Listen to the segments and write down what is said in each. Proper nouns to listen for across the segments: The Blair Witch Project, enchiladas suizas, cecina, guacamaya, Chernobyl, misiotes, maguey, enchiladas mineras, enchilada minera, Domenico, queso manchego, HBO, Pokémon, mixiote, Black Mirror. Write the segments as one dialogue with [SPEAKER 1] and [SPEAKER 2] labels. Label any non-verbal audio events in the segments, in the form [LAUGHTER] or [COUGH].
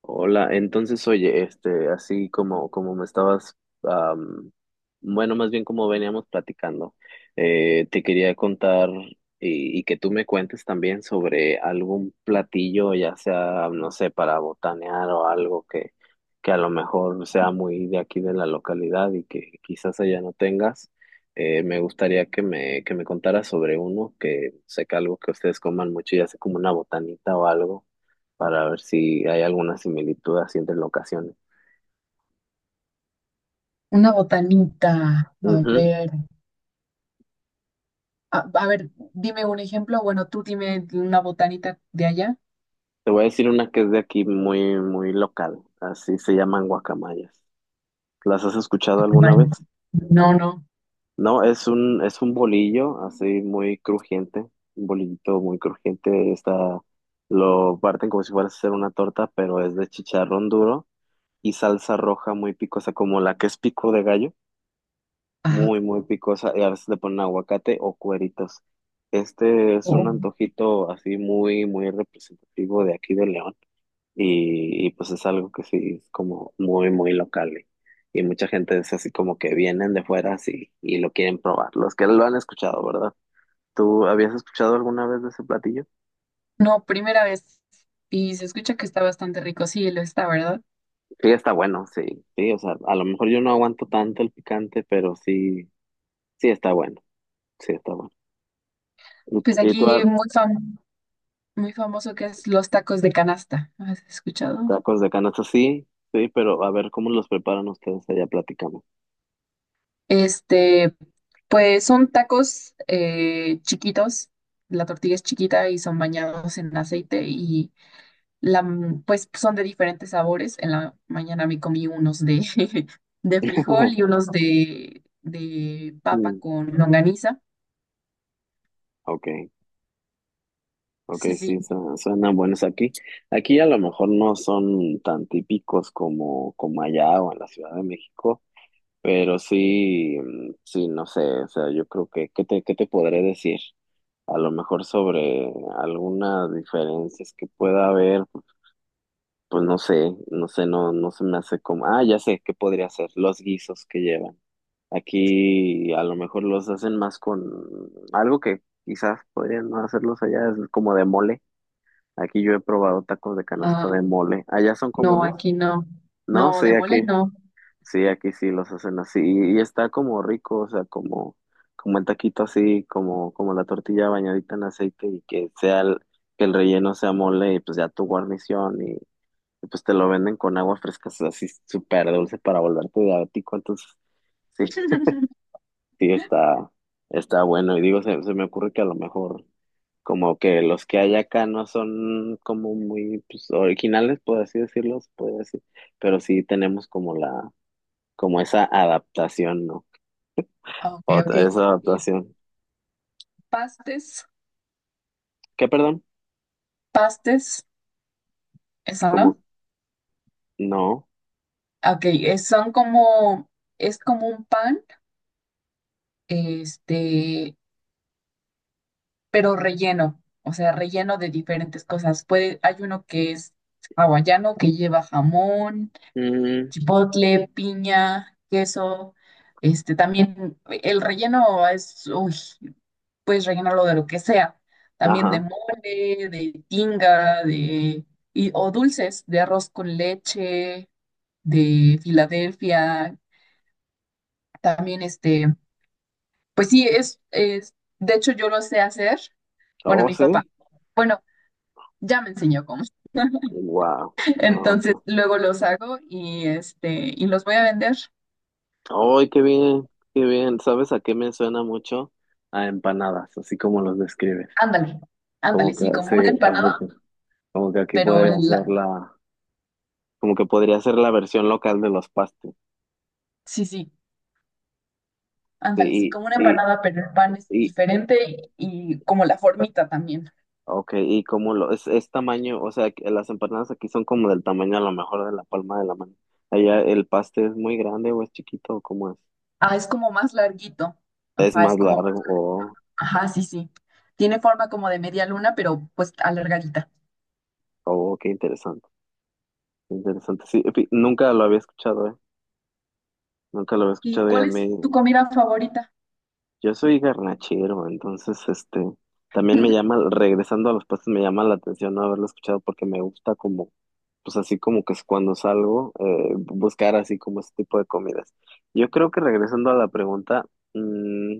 [SPEAKER 1] Hola, entonces oye, así como me estabas, am, bueno, más bien como veníamos platicando, te quería contar y que tú me cuentes también sobre algún platillo, ya sea, no sé, para botanear o algo que a lo mejor sea muy de aquí de la localidad y que quizás allá no tengas. Me gustaría que que me contaras sobre uno, que sé que algo que ustedes coman mucho, ya sea como una botanita o algo para ver si hay alguna similitud así entre locaciones.
[SPEAKER 2] Una botanita, a
[SPEAKER 1] Ujú.
[SPEAKER 2] ver, dime un ejemplo. Bueno, tú dime una botanita de allá.
[SPEAKER 1] Te voy a decir una que es de aquí muy, muy local. Así se llaman guacamayas. ¿Las has escuchado
[SPEAKER 2] Ok,
[SPEAKER 1] alguna
[SPEAKER 2] vale.
[SPEAKER 1] vez?
[SPEAKER 2] No, no,
[SPEAKER 1] No, es un bolillo así muy crujiente, un bolillito muy crujiente. Está, lo parten como si fuera a hacer una torta, pero es de chicharrón duro y salsa roja muy picosa, como la que es pico de gallo.
[SPEAKER 2] ajá.
[SPEAKER 1] Muy, muy picosa y a veces le ponen aguacate o cueritos. Este es un
[SPEAKER 2] Oh.
[SPEAKER 1] antojito así muy, muy representativo de aquí de León y, pues es algo que sí es como muy, muy local y mucha gente es así como que vienen de fuera así y lo quieren probar, los que lo han escuchado, ¿verdad? ¿Tú habías escuchado alguna vez de ese platillo?
[SPEAKER 2] No, primera vez. Y se escucha que está bastante rico, sí, lo está, ¿verdad?
[SPEAKER 1] Sí, está bueno, sí, sí, o sea, a lo mejor yo no aguanto tanto el picante, pero sí, sí está bueno, sí está bueno. ¿Y,
[SPEAKER 2] Pues
[SPEAKER 1] y tú?
[SPEAKER 2] aquí muy famoso que es los tacos de canasta. ¿Has escuchado?
[SPEAKER 1] Tacos de canasta, sí, sí, pero a ver cómo los preparan ustedes allá, platicamos.
[SPEAKER 2] Este, pues son tacos chiquitos, la tortilla es chiquita y son bañados en aceite. La, pues son de diferentes sabores. En la mañana me comí unos de, [LAUGHS] de frijol y
[SPEAKER 1] [LAUGHS]
[SPEAKER 2] unos de papa
[SPEAKER 1] Mm,
[SPEAKER 2] con longaniza.
[SPEAKER 1] ok, ok,
[SPEAKER 2] Sí, sí.
[SPEAKER 1] sí, suenan buenos aquí. Aquí a lo mejor no son tan típicos como, como allá o en la Ciudad de México, pero sí, sí, no sé, o sea, yo creo que, qué te podré decir? A lo mejor sobre algunas diferencias que pueda haber, pues no sé, no sé, no, no se me hace como, ah, ya sé, ¿qué podría ser? Los guisos que llevan. Aquí a lo mejor los hacen más con algo que quizás podrían no hacerlos allá, es como de mole. Aquí yo he probado tacos de
[SPEAKER 2] Ah,
[SPEAKER 1] canasta de mole. ¿Allá son
[SPEAKER 2] no,
[SPEAKER 1] comunes?
[SPEAKER 2] aquí no.
[SPEAKER 1] No,
[SPEAKER 2] No, de
[SPEAKER 1] sí, aquí,
[SPEAKER 2] mole no.
[SPEAKER 1] sí, aquí sí los hacen así. Y está como rico, o sea, como, como el taquito así, como, como la tortilla bañadita en aceite y que sea el, que el relleno sea mole y pues ya tu guarnición y pues te lo venden con agua fresca, o sea, así súper dulce para volverte diabético. Entonces, sí.
[SPEAKER 2] [LAUGHS]
[SPEAKER 1] Sí, está, está bueno. Y digo, se me ocurre que a lo mejor como que los que hay acá no son como muy pues, originales, por así decirlo, se puede decir, pero sí tenemos como la, como esa adaptación, ¿no?
[SPEAKER 2] Ah, ok, ok.
[SPEAKER 1] Esa
[SPEAKER 2] Y
[SPEAKER 1] adaptación.
[SPEAKER 2] pastes,
[SPEAKER 1] ¿Qué, perdón?
[SPEAKER 2] pastes, eso,
[SPEAKER 1] Como,
[SPEAKER 2] ¿no?
[SPEAKER 1] no.
[SPEAKER 2] Ok, es- son como, es como un pan, este, pero relleno, o sea, relleno de diferentes cosas. Puede, hay uno que es hawaiano, que lleva jamón,
[SPEAKER 1] Mm,
[SPEAKER 2] chipotle, piña, queso. Este también el relleno es, uy, puedes rellenarlo de lo que sea, también de
[SPEAKER 1] ajá.
[SPEAKER 2] mole, de tinga, de, y, o dulces, de arroz con leche, de Filadelfia, también este, pues sí, es, de hecho yo lo sé hacer, bueno,
[SPEAKER 1] Oh,
[SPEAKER 2] mi
[SPEAKER 1] sí.
[SPEAKER 2] papá, bueno, ya me enseñó cómo. [LAUGHS]
[SPEAKER 1] Wow. No,
[SPEAKER 2] Entonces,
[SPEAKER 1] pues.
[SPEAKER 2] luego los hago y este y los voy a vender.
[SPEAKER 1] Ay, qué bien, qué bien. ¿Sabes a qué me suena mucho? A empanadas, así como los describes.
[SPEAKER 2] Ándale, ándale,
[SPEAKER 1] Como que,
[SPEAKER 2] sí, como
[SPEAKER 1] sí,
[SPEAKER 2] una
[SPEAKER 1] así.
[SPEAKER 2] empanada,
[SPEAKER 1] Pues, como que aquí
[SPEAKER 2] pero
[SPEAKER 1] podría ser
[SPEAKER 2] la,
[SPEAKER 1] la, como que podría ser la versión local de los pastes.
[SPEAKER 2] sí, sí, ándale, sí,
[SPEAKER 1] Sí,
[SPEAKER 2] como una empanada, pero el pan es
[SPEAKER 1] Y,
[SPEAKER 2] diferente y como la formita también.
[SPEAKER 1] ok, y como lo, es tamaño, o sea, que las empanadas aquí son como del tamaño a lo mejor de la palma de la mano. Allá el paste es muy grande o es chiquito o cómo es.
[SPEAKER 2] Ah, es como más larguito.
[SPEAKER 1] Es
[SPEAKER 2] Ajá,
[SPEAKER 1] más
[SPEAKER 2] es como,
[SPEAKER 1] largo, o
[SPEAKER 2] ajá, sí, sí. Tiene forma como de media luna, pero pues alargadita.
[SPEAKER 1] oh, qué interesante, qué interesante. Sí, nunca lo había escuchado, ¿eh? Nunca lo había
[SPEAKER 2] ¿Y
[SPEAKER 1] escuchado y a
[SPEAKER 2] cuál es
[SPEAKER 1] mí,
[SPEAKER 2] tu comida favorita?
[SPEAKER 1] yo soy garnachero, entonces, también me llama, regresando a los pastes, me llama la atención no haberlo escuchado porque me gusta como pues así como que es cuando salgo, buscar así como ese tipo de comidas. Yo creo que regresando a la pregunta, mm,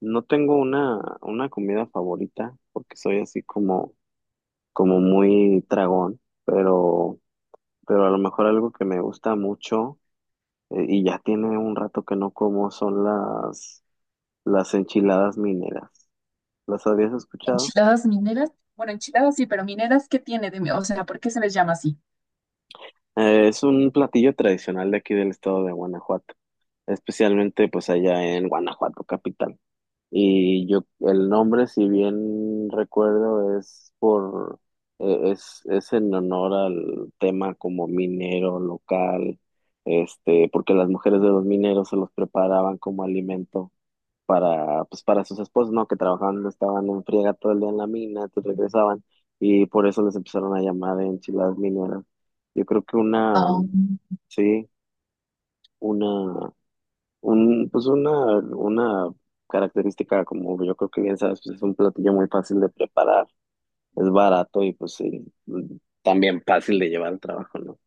[SPEAKER 1] no tengo una comida favorita, porque soy así como, como muy tragón, pero a lo mejor algo que me gusta mucho, y ya tiene un rato que no como, son las enchiladas mineras. ¿Las habías escuchado?
[SPEAKER 2] ¿Enchiladas mineras? Bueno, enchiladas sí, pero mineras, ¿qué tiene de mi-? O sea, ¿por qué se les llama así?
[SPEAKER 1] Es un platillo tradicional de aquí del estado de Guanajuato, especialmente pues allá en Guanajuato capital. Y yo, el nombre, si bien recuerdo, es por, es en honor al tema como minero local, porque las mujeres de los mineros se los preparaban como alimento para, pues, para sus esposos, ¿no? Que trabajaban, estaban en friega todo el día en la mina, te regresaban, y por eso les empezaron a llamar enchiladas mineras. Yo creo que una,
[SPEAKER 2] Oh.
[SPEAKER 1] sí, una un, pues una característica, como yo creo que bien sabes, pues es un platillo muy fácil de preparar, es barato y pues sí, también fácil de llevar al trabajo, ¿no?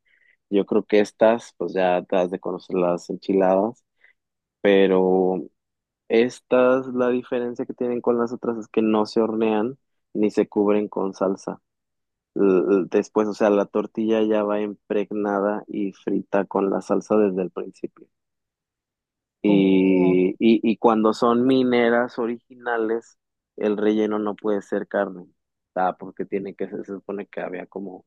[SPEAKER 1] Yo creo que estas, pues ya te has de conocer las enchiladas, pero estas, la diferencia que tienen con las otras es que no se hornean ni se cubren con salsa. Después, o sea, la tortilla ya va impregnada y frita con la salsa desde el principio.
[SPEAKER 2] Oh,
[SPEAKER 1] Y cuando son mineras originales, el relleno no puede ser carne, ah, porque tiene que, se supone que había como,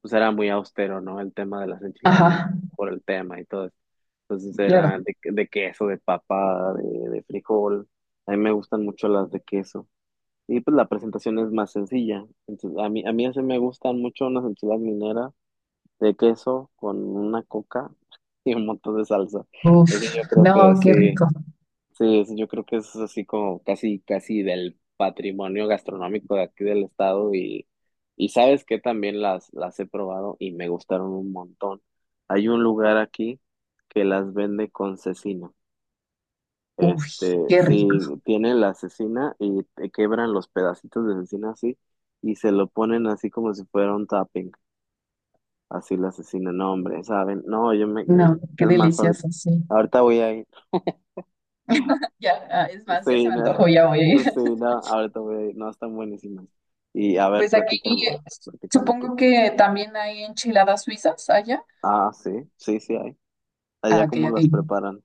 [SPEAKER 1] pues era muy austero, ¿no? El tema de las enchiladas mineras
[SPEAKER 2] ajá,
[SPEAKER 1] por el tema y todo eso. Entonces
[SPEAKER 2] claro.
[SPEAKER 1] era de queso, de papa, de frijol. A mí me gustan mucho las de queso. Y pues la presentación es más sencilla. Entonces, a mí así me gustan mucho unas enchiladas mineras de queso con una coca [LAUGHS] y un montón de salsa. Eso
[SPEAKER 2] Uf,
[SPEAKER 1] yo creo que
[SPEAKER 2] no, qué
[SPEAKER 1] sí.
[SPEAKER 2] rico.
[SPEAKER 1] Sí, yo creo que es así como casi, casi del patrimonio gastronómico de aquí del estado y sabes que también las he probado y me gustaron un montón. Hay un lugar aquí que las vende con cecina.
[SPEAKER 2] Uy,
[SPEAKER 1] Este,
[SPEAKER 2] qué rico.
[SPEAKER 1] sí, tienen la cecina y te quebran los pedacitos de cecina así y se lo ponen así como si fuera un tapping, así la cecina. No, hombre, ¿saben? No, yo me,
[SPEAKER 2] No, qué
[SPEAKER 1] es más, ahorita,
[SPEAKER 2] delicioso, sí.
[SPEAKER 1] ahorita voy a ir.
[SPEAKER 2] Ya, ah, es más, ya se
[SPEAKER 1] Sí,
[SPEAKER 2] me
[SPEAKER 1] no,
[SPEAKER 2] antojó, ya voy a ir.
[SPEAKER 1] sí,
[SPEAKER 2] [LAUGHS]
[SPEAKER 1] no, ahorita voy, no, están buenísimas. Y a ver,
[SPEAKER 2] Pues aquí
[SPEAKER 1] platícame, platícame tú.
[SPEAKER 2] supongo que también hay enchiladas suizas allá.
[SPEAKER 1] Ah, sí, sí, sí hay.
[SPEAKER 2] Ah,
[SPEAKER 1] Allá
[SPEAKER 2] ok,
[SPEAKER 1] cómo
[SPEAKER 2] ok.
[SPEAKER 1] las preparan.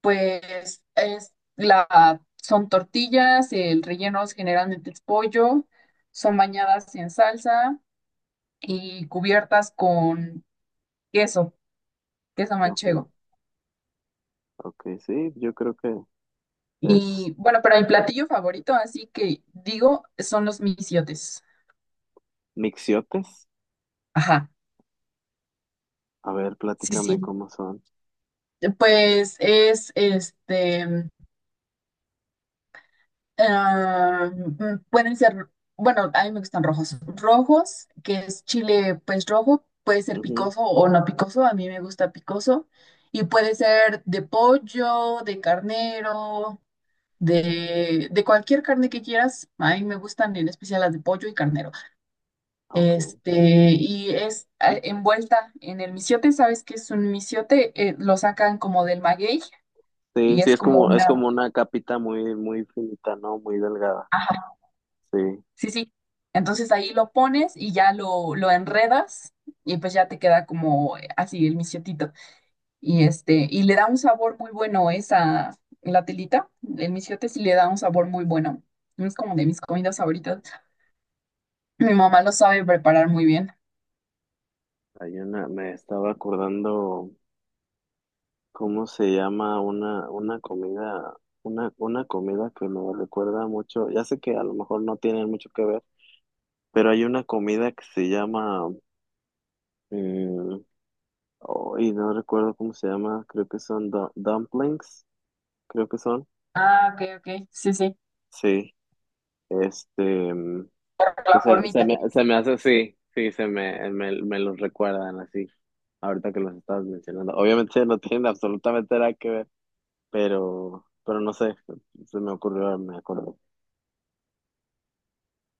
[SPEAKER 2] Pues es la, son tortillas, el relleno es generalmente es pollo, son bañadas en salsa y cubiertas con queso, queso
[SPEAKER 1] Ok,
[SPEAKER 2] manchego.
[SPEAKER 1] ok, sí, yo creo que es
[SPEAKER 2] Y bueno, pero el platillo favorito, así que digo, son los misiotes.
[SPEAKER 1] mixiotes.
[SPEAKER 2] Ajá,
[SPEAKER 1] A ver,
[SPEAKER 2] sí,
[SPEAKER 1] platícame
[SPEAKER 2] sí.
[SPEAKER 1] cómo son.
[SPEAKER 2] Pues es este, ah, pueden ser, bueno, a mí me gustan rojos. Rojos, que es chile pues rojo, puede ser
[SPEAKER 1] Ujú,
[SPEAKER 2] picoso o no picoso, a mí me gusta picoso. Y puede ser de pollo, de carnero, de cualquier carne que quieras. A mí me gustan en especial las de pollo y carnero.
[SPEAKER 1] ok.
[SPEAKER 2] Este, y es envuelta en el misiote. ¿Sabes qué es un misiote? Lo sacan como del maguey
[SPEAKER 1] Sí,
[SPEAKER 2] y
[SPEAKER 1] sí,
[SPEAKER 2] es como
[SPEAKER 1] es
[SPEAKER 2] una...
[SPEAKER 1] como una capita muy, muy finita, ¿no? Muy delgada.
[SPEAKER 2] Ajá.
[SPEAKER 1] Sí,
[SPEAKER 2] Sí, sí. Entonces ahí lo pones y ya lo enredas y pues ya te queda como así el mixiotito. Y este, y le da un sabor muy bueno esa, la telita, el misiote sí le da un sabor muy bueno. Es como de mis comidas favoritas. Mi mamá lo sabe preparar muy bien.
[SPEAKER 1] hay una, me estaba acordando. ¿Cómo se llama una comida que me recuerda mucho? Ya sé que a lo mejor no tienen mucho que ver, pero hay una comida que se llama, mm, oh, y no recuerdo cómo se llama, creo que son dumplings, creo que son,
[SPEAKER 2] Ah, ok, ok. Sí, sí.
[SPEAKER 1] sí, este, mm,
[SPEAKER 2] La
[SPEAKER 1] se,
[SPEAKER 2] formita.
[SPEAKER 1] se me hace así, sí, se me, me, me los recuerdan así, ahorita que los estabas mencionando. Obviamente no tienen absolutamente nada que ver, pero no sé, se me ocurrió, me acuerdo,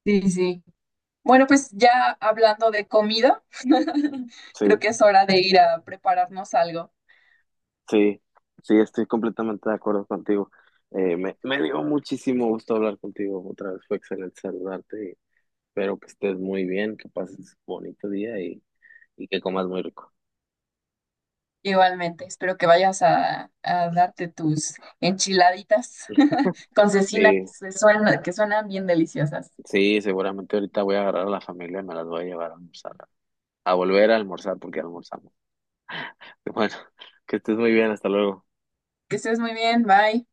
[SPEAKER 2] Sí, sí. Bueno, pues ya hablando de comida, [LAUGHS] creo
[SPEAKER 1] sí.
[SPEAKER 2] que es hora de ir a prepararnos algo.
[SPEAKER 1] Sí, sí, estoy completamente de acuerdo contigo. Me, me dio muchísimo gusto hablar contigo otra vez, fue excelente saludarte. Y espero que estés muy bien, que pases bonito día y que comas muy rico.
[SPEAKER 2] Igualmente, espero que vayas a darte tus enchiladitas [LAUGHS] con cecina
[SPEAKER 1] Sí,
[SPEAKER 2] que suenan bien deliciosas.
[SPEAKER 1] sí, seguramente ahorita voy a agarrar a la familia y me las voy a llevar a almorzar, a volver a almorzar porque ya almorzamos. [LAUGHS] Bueno, que estés muy bien, hasta luego.
[SPEAKER 2] Que estés muy bien, bye.